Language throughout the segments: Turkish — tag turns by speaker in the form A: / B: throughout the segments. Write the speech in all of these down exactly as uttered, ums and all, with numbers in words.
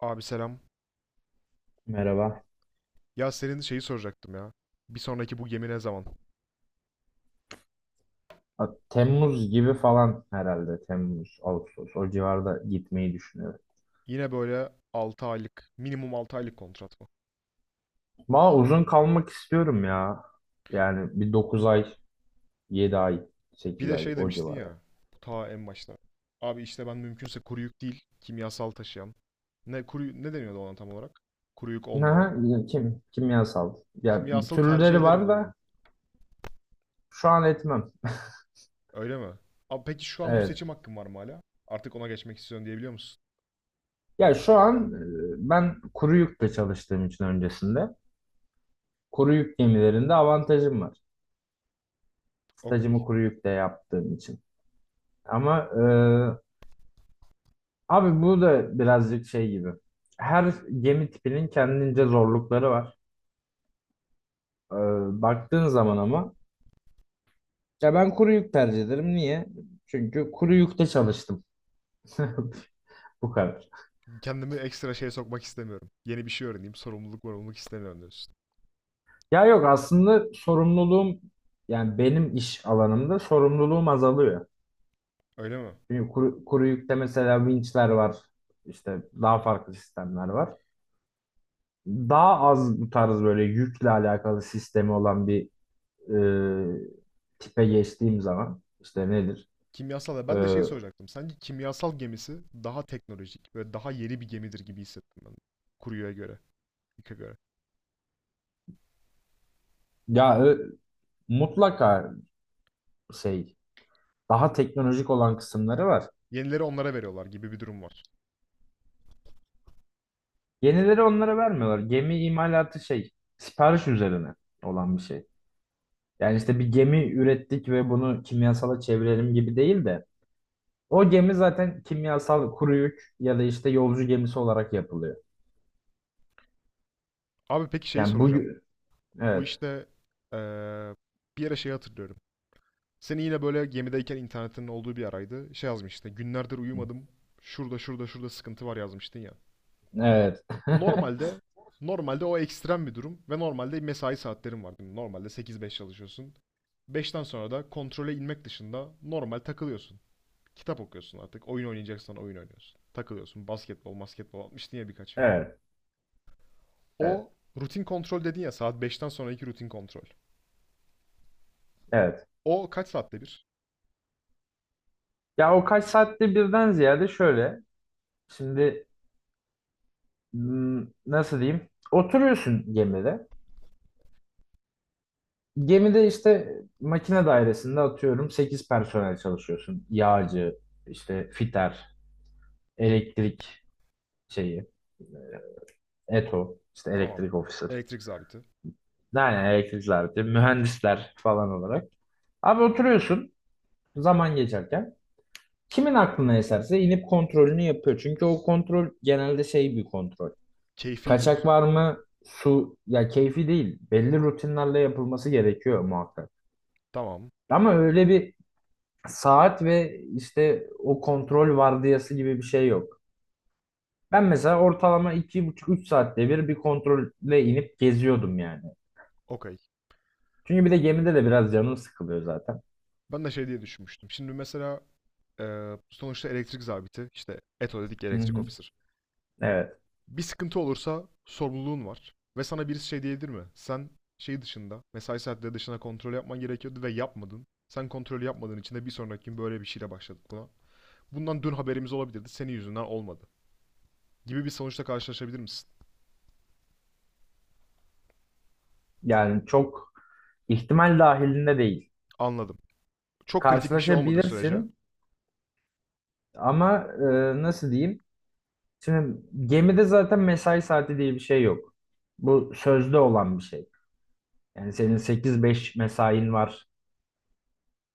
A: Abi selam.
B: Merhaba.
A: Ya senin şeyi soracaktım ya. Bir sonraki bu gemi ne zaman?
B: Ha, Temmuz gibi falan herhalde. Temmuz, Ağustos. O civarda gitmeyi düşünüyorum.
A: Yine böyle altı aylık, minimum altı aylık kontrat mı?
B: Valla uzun kalmak istiyorum ya. Yani bir dokuz ay, yedi ay,
A: Bir
B: sekiz
A: de
B: ay
A: şey
B: o
A: demiştin
B: civarı.
A: ya, bu ta en başta. Abi işte ben mümkünse kuru yük değil, kimyasal taşıyan. Ne kuru ne deniyordu ona tam olarak? Kuru yük
B: Aha,
A: olmayana.
B: ya kim, kimyasal. Ya
A: Kimyasal tercih
B: türleri
A: ederim
B: var
A: diyordun.
B: da şu an etmem.
A: Öyle mi? Abi peki şu an bu
B: Evet.
A: seçim hakkım var mı hala? Artık ona geçmek istiyorsun diyebiliyor musun?
B: Ya şu an e, ben kuru yükle çalıştığım için öncesinde. Kuru yük gemilerinde avantajım var.
A: Okey.
B: Stajımı kuru yükle yaptığım için. Ama e, Abi bu da birazcık şey gibi. Her gemi tipinin kendince zorlukları var. Ee, baktığın zaman ama ya ben kuru yük tercih ederim. Niye? Çünkü kuru yükte çalıştım. Bu kadar.
A: Kendimi ekstra şeye sokmak istemiyorum. Yeni bir şey öğreneyim, sorumluluk sorumluluk istemiyorum diyorsun.
B: Ya yok aslında sorumluluğum yani benim iş alanımda sorumluluğum azalıyor.
A: Öyle mi?
B: Çünkü kuru, kuru yükte mesela vinçler var. İşte daha farklı sistemler var. Daha az bu tarz böyle yükle alakalı sistemi olan bir e, tipe geçtiğim zaman işte nedir?
A: Kimyasal ya
B: E,
A: ben de şeyi soracaktım. Sanki kimyasal gemisi daha teknolojik ve daha yeni bir gemidir gibi hissettim ben. Kuruyo'ya göre, İK'a göre.
B: ya ö- mutlaka şey daha teknolojik olan kısımları var.
A: Yenileri onlara veriyorlar gibi bir durum var.
B: Yenileri onlara vermiyorlar. Gemi imalatı şey sipariş üzerine olan bir şey. Yani işte bir gemi ürettik ve bunu kimyasala çevirelim gibi değil de o gemi zaten kimyasal kuru yük ya da işte yolcu gemisi olarak yapılıyor.
A: Abi peki şeyi
B: Yani bu
A: soracağım. Bu
B: evet
A: işte eee, bir yere şey hatırlıyorum. Seni yine böyle gemideyken internetin olduğu bir araydı. Şey yazmıştın. Günlerdir uyumadım. Şurada şurada şurada sıkıntı var yazmıştın ya.
B: evet
A: Normalde normalde o ekstrem bir durum ve normalde mesai saatlerin var. Değil mi? Normalde sekiz beş çalışıyorsun. Beşten sonra da kontrole inmek dışında normal takılıyorsun. Kitap okuyorsun artık. Oyun oynayacaksan oyun oynuyorsun. Takılıyorsun. Basketbol, basketbol atmıştın ya birkaç video.
B: evet evet
A: O rutin kontrol dedin ya saat beşten sonraki rutin kontrol.
B: evet.
A: O kaç saatte bir?
B: Ya o kaç saatte birden ziyade şöyle. Şimdi m, nasıl diyeyim? Oturuyorsun gemide. Gemide işte makine dairesinde atıyorum sekiz personel çalışıyorsun. Yağcı, işte fiter, elektrik şeyi, E T O, işte
A: Tamam.
B: elektrik officer.
A: Elektrik zabiti.
B: Yani elektrikler, mühendisler falan olarak. Abi oturuyorsun zaman geçerken. Kimin aklına eserse inip kontrolünü yapıyor. Çünkü o kontrol genelde şey bir kontrol.
A: Keyfi
B: Kaçak
A: diyorsun.
B: var mı? Su ya keyfi değil. Belli rutinlerle yapılması gerekiyor muhakkak.
A: Tamam.
B: Ama öyle bir saat ve işte o kontrol vardiyası gibi bir şey yok. Ben mesela ortalama iki buçuk üç saatte bir bir kontrolle inip geziyordum yani.
A: Okey.
B: Çünkü bir de gemide de biraz canım sıkılıyor zaten.
A: Ben de şey diye düşünmüştüm. Şimdi mesela eee, sonuçta elektrik zabiti işte eto dedik ya,
B: Hı
A: elektrik
B: hı.
A: officer.
B: Evet.
A: Bir sıkıntı olursa sorumluluğun var. Ve sana birisi şey diyebilir mi? Sen şey dışında, mesai saatleri dışında kontrol yapman gerekiyordu ve yapmadın. Sen kontrolü yapmadığın için de bir sonraki gün böyle bir şeyle başladık buna. Bundan dün haberimiz olabilirdi. Senin yüzünden olmadı. Gibi bir sonuçla karşılaşabilir misin?
B: Yani çok ihtimal dahilinde değil.
A: Anladım. Çok kritik bir şey olmadığı sürece
B: Karşılaşabilirsin ama e, nasıl diyeyim? Şimdi gemide zaten mesai saati diye bir şey yok. Bu sözde olan bir şey. Yani senin sekiz beş mesain var.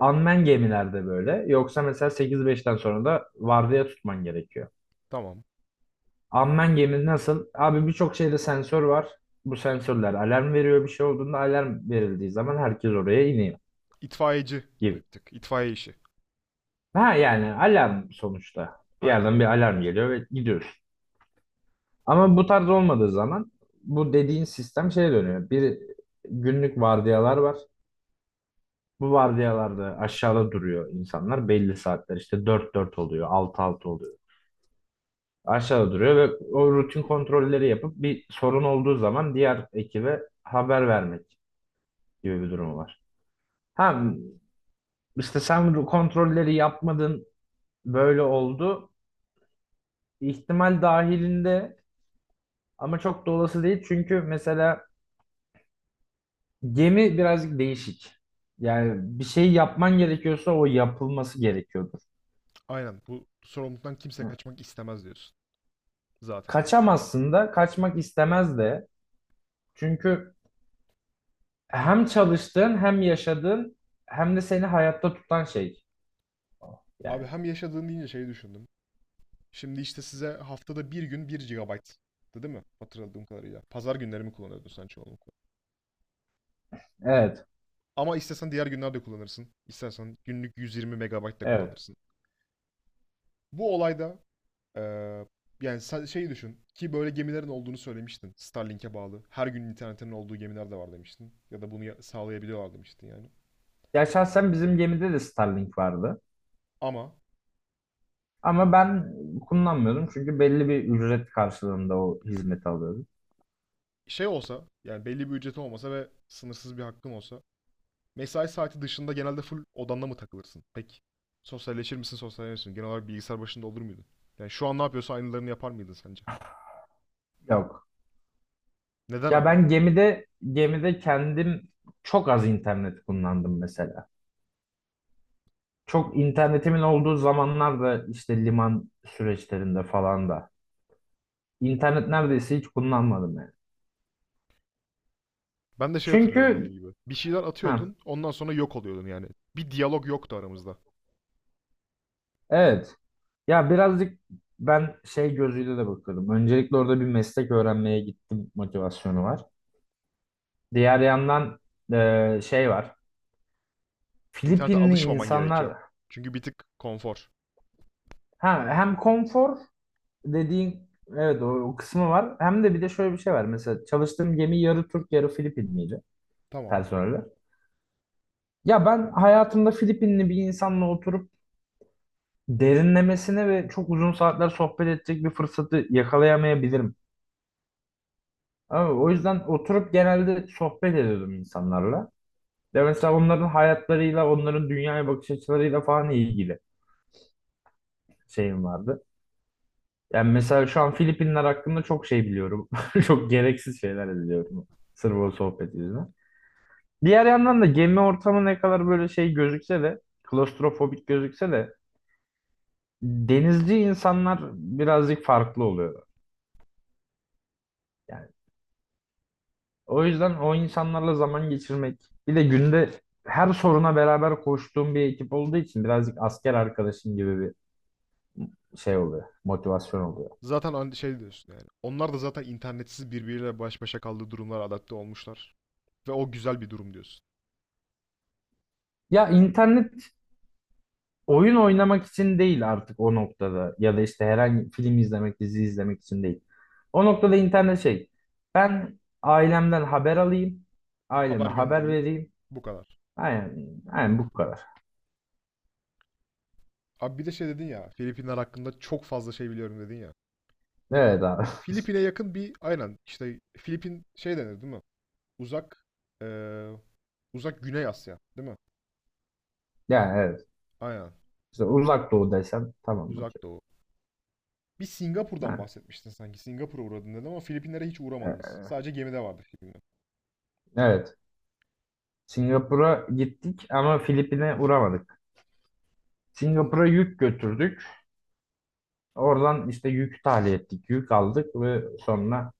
B: Unmanned gemilerde böyle. Yoksa mesela sekiz beşten sonra da vardiya tutman gerekiyor.
A: tamam.
B: Unmanned gemi nasıl? Abi birçok şeyde sensör var. Bu sensörler alarm veriyor bir şey olduğunda alarm verildiği zaman herkes oraya iniyor
A: İtfaiyeci gibi bir
B: gibi.
A: tık. İtfaiye işi.
B: Ha yani alarm sonuçta. Bir
A: Aynen.
B: yerden bir alarm geliyor ve gidiyorsun. Ama bu tarz olmadığı zaman bu dediğin sistem şeye dönüyor. Bir günlük vardiyalar var. Bu vardiyalarda aşağıda duruyor insanlar belli saatler. İşte dört dört oluyor, altı altı oluyor. Aşağıda duruyor ve o rutin kontrolleri yapıp bir sorun olduğu zaman diğer ekibe haber vermek gibi bir durum var. Ha işte sen bu kontrolleri yapmadın böyle oldu. İhtimal dahilinde ama çok da olası değil çünkü mesela gemi birazcık değişik. Yani bir şey yapman gerekiyorsa o yapılması gerekiyordur.
A: Aynen. Bu sorumluluktan kimse kaçmak istemez diyorsun. Zaten.
B: Kaçamazsın da kaçmak istemez de çünkü hem çalıştığın hem yaşadığın hem de seni hayatta tutan şey.
A: Abi
B: Yani
A: hem yaşadığın deyince şeyi düşündüm. Şimdi işte size haftada bir gün bir gigabayt. Değil mi? Hatırladığım kadarıyla. Pazar günlerimi kullanıyordun sen çoğunlukla?
B: evet,
A: Ama istesen diğer günlerde kullanırsın. İstersen günlük yüz yirmi megabayt de
B: evet.
A: kullanırsın. Bu olayda Ee, yani sen şeyi düşün ki böyle gemilerin olduğunu söylemiştin. Starlink'e bağlı. Her gün internetinin olduğu gemiler de var demiştin. Ya da bunu ya- sağlayabiliyorlar demiştin yani.
B: Ya şahsen bizim gemide de Starlink vardı.
A: Ama
B: Ama ben kullanmıyordum çünkü belli bir ücret karşılığında o hizmeti alıyordum.
A: şey olsa yani belli bir ücreti olmasa ve sınırsız bir hakkın olsa mesai saati dışında genelde full odanda mı takılırsın? Peki sosyalleşir misin sosyalleşir misin? Genel olarak bilgisayar başında olur muydun? Yani şu an ne yapıyorsa aynılarını yapar mıydın sence?
B: Yok.
A: Neden
B: Ya
A: abi?
B: ben gemide gemide kendim çok az internet kullandım mesela. Çok internetimin olduğu zamanlarda işte liman süreçlerinde falan da internet neredeyse hiç kullanmadım yani.
A: Ben de şey hatırlıyorum dediğim
B: Çünkü
A: gibi. Bir şeyler
B: ha,
A: atıyordun ondan sonra yok oluyordun yani. Bir diyalog yoktu aramızda.
B: evet. Ya birazcık ben şey gözüyle de bakıyorum. Öncelikle orada bir meslek öğrenmeye gittim motivasyonu var. Diğer yandan e, şey var.
A: İnternete
B: Filipinli
A: alışmaman gerekiyor.
B: insanlar
A: Çünkü bir tık konfor.
B: ha, hem konfor dediğin evet o, o kısmı var. Hem de bir de şöyle bir şey var. Mesela çalıştığım gemi yarı Türk yarı Filipinliydi
A: Tamam.
B: personeli. Ya ben hayatımda Filipinli bir insanla oturup derinlemesine ve çok uzun saatler sohbet edecek bir fırsatı yakalayamayabilirim. Ama o yüzden oturup genelde sohbet ediyordum insanlarla. Ya mesela onların hayatlarıyla, onların dünyaya bakış açılarıyla falan ilgili şeyim vardı. Yani mesela şu an Filipinler hakkında çok şey biliyorum. Çok gereksiz şeyler biliyorum. Sırf o sohbet yüzünden. Diğer yandan da gemi ortamı ne kadar böyle şey gözükse de, klostrofobik gözükse de denizci insanlar birazcık farklı oluyor. Yani o yüzden o insanlarla zaman geçirmek bir de günde her soruna beraber koştuğum bir ekip olduğu için birazcık asker arkadaşım gibi bir şey oluyor. Motivasyon oluyor.
A: Zaten şey diyorsun yani. Onlar da zaten internetsiz birbiriyle baş başa kaldığı durumlara adapte olmuşlar. Ve o güzel bir durum diyorsun.
B: Ya internet oyun oynamak için değil artık o noktada ya da işte herhangi film izlemek, dizi izlemek için değil. O noktada internet şey. Ben ailemden haber alayım,
A: Haber
B: aileme haber
A: göndereyim.
B: vereyim.
A: Bu kadar.
B: Aynen, aynen bu kadar.
A: Abi bir de şey dedin ya. Filipinler hakkında çok fazla şey biliyorum dedin ya.
B: Evet abi.
A: Filipin'e yakın bir aynen işte Filipin şey denir değil mi? Uzak eee, uzak Güney Asya değil mi?
B: Yani evet.
A: Aynen.
B: İşte uzak doğu desem tamam
A: Uzak
B: okey.
A: Doğu. Bir Singapur'dan
B: Yani,
A: bahsetmiştin sanki. Singapur'a uğradın dedin ama Filipinlere hiç
B: e-
A: uğramadınız. Sadece gemide vardı Filipinler.
B: evet. Singapur'a gittik ama Filipin'e uğramadık. Singapur'a yük götürdük. Oradan işte yük tahliye ettik, yük aldık ve sonra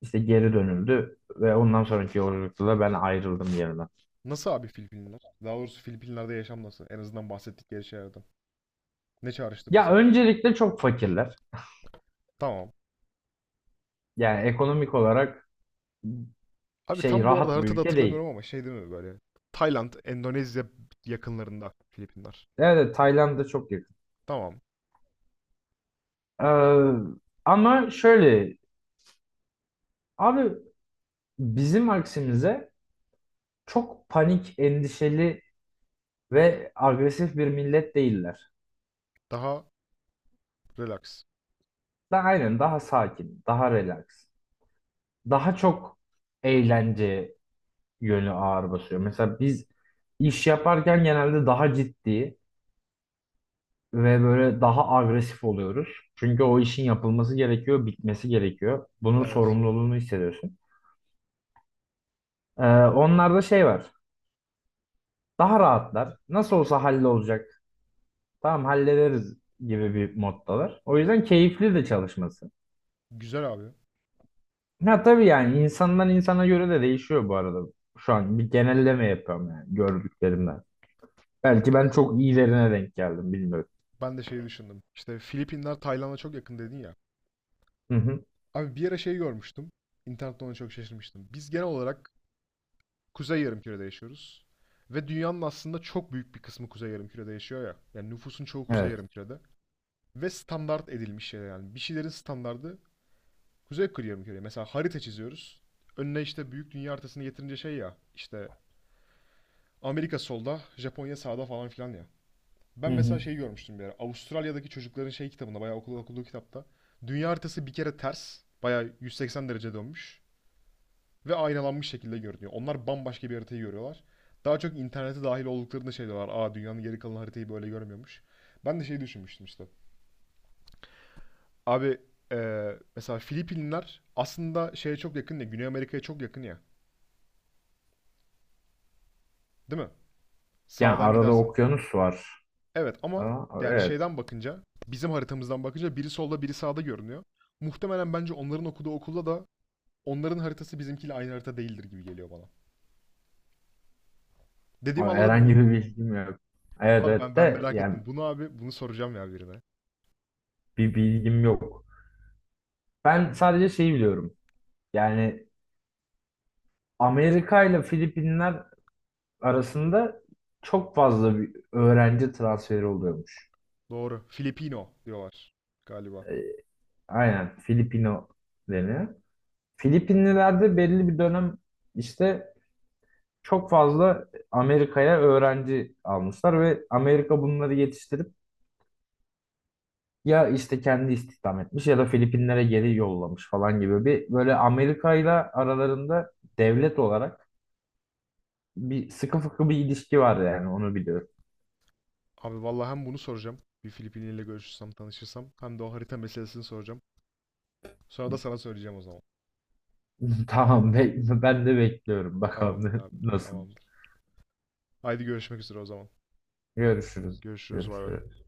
B: İşte geri dönüldü ve ondan sonraki yolculukta da ben ayrıldım yerimden.
A: Nasıl abi Filipinler? Daha doğrusu Filipinler'de yaşam nasıl? En azından bahsettikleri şeylerden. Ne çağrıştırdı
B: Ya
A: sana?
B: öncelikle çok fakirler.
A: Tamam.
B: Yani ekonomik olarak
A: Abi
B: şey
A: tam bu arada
B: rahat bir
A: haritada
B: ülke değil.
A: hatırlamıyorum ama şey değil mi böyle? Tayland, Endonezya yakınlarında Filipinler.
B: Evet evet, Tayland'a çok yakın.
A: Tamam.
B: Ee, ama şöyle abi bizim aksimize çok panik, endişeli ve agresif bir millet değiller.
A: Daha relax.
B: Da aynen daha sakin, daha relax. Daha çok eğlence yönü ağır basıyor. Mesela biz iş yaparken genelde daha ciddi ve böyle daha agresif oluyoruz. Çünkü o işin yapılması gerekiyor, bitmesi gerekiyor. Bunun
A: Evet.
B: sorumluluğunu hissediyorsun. Ee, onlarda şey var. Daha rahatlar. Nasıl olsa hallolacak. Tamam hallederiz gibi bir moddalar. O yüzden keyifli de çalışması.
A: Güzel abi.
B: Ha tabii yani insandan insana göre de değişiyor bu arada. Şu an bir genelleme yapıyorum yani gördüklerimden. Belki ben çok iyilerine denk geldim bilmiyorum.
A: Ben de şeyi düşündüm. İşte Filipinler Tayland'a çok yakın dedin ya.
B: Hı hı.
A: Abi bir ara şey görmüştüm. İnternette ona çok şaşırmıştım. Biz genel olarak Kuzey Yarımküre'de yaşıyoruz. Ve dünyanın aslında çok büyük bir kısmı Kuzey Yarımküre'de yaşıyor ya. Yani nüfusun çoğu Kuzey
B: Evet.
A: Yarımküre'de. Ve standart edilmiş şeyler yani. Bir şeylerin standardı Kuzey Kırıya mı? Mesela harita çiziyoruz. Önüne işte büyük dünya haritasını getirince şey ya işte Amerika solda, Japonya sağda falan filan ya. Ben
B: Hı
A: mesela
B: hı.
A: şey görmüştüm bir ara. Avustralya'daki çocukların şey kitabında bayağı okul okuduğu kitapta dünya haritası bir kere ters. Bayağı yüz seksen derece dönmüş ve aynalanmış şekilde görünüyor. Onlar bambaşka bir haritayı görüyorlar. Daha çok internete dahil olduklarında şey diyorlar. Aa dünyanın geri kalan haritayı böyle görmüyormuş. Ben de şey düşünmüştüm işte. Abi eee, mesela Filipinler aslında şeye çok yakın ya. Güney Amerika'ya çok yakın ya. Değil mi?
B: Yani
A: Sağdan
B: arada
A: gidersen.
B: okyanus var.
A: Evet ama
B: Aa,
A: yani
B: evet.
A: şeyden bakınca bizim haritamızdan bakınca biri solda biri sağda görünüyor. Muhtemelen bence onların okuduğu okulda da onların haritası bizimkiyle aynı harita değildir gibi geliyor bana. Dediğimi
B: Ama
A: anladın değil
B: herhangi
A: mi?
B: bir bilgim yok. Evet
A: Abi ben
B: evet
A: ben
B: de
A: merak
B: yani
A: ettim. Bunu abi bunu soracağım ya birine.
B: bir bilgim yok. Ben sadece şeyi biliyorum. Yani Amerika ile Filipinler arasında çok fazla bir öğrenci transferi oluyormuş.
A: Doğru. Filipino diyorlar galiba.
B: Aynen Filipino deniyor. Filipinliler de belli bir dönem işte çok fazla Amerika'ya öğrenci almışlar ve Amerika bunları yetiştirip ya işte kendi istihdam etmiş ya da Filipinlere geri yollamış falan gibi bir böyle Amerika ile aralarında devlet olarak bir sıkı fıkı bir ilişki var yani onu biliyorum.
A: Abi vallahi hem bunu soracağım. Bir Filipinliyle görüşürsem, tanışırsam hem de o harita meselesini soracağım. Sonra da sana söyleyeceğim o zaman.
B: Tamam be- ben de bekliyorum
A: Tamamdır
B: bakalım
A: abi.
B: nasıl.
A: Tamamdır. Haydi görüşmek üzere o zaman.
B: Görüşürüz.
A: Görüşürüz. Bay bay.
B: Görüşürüz.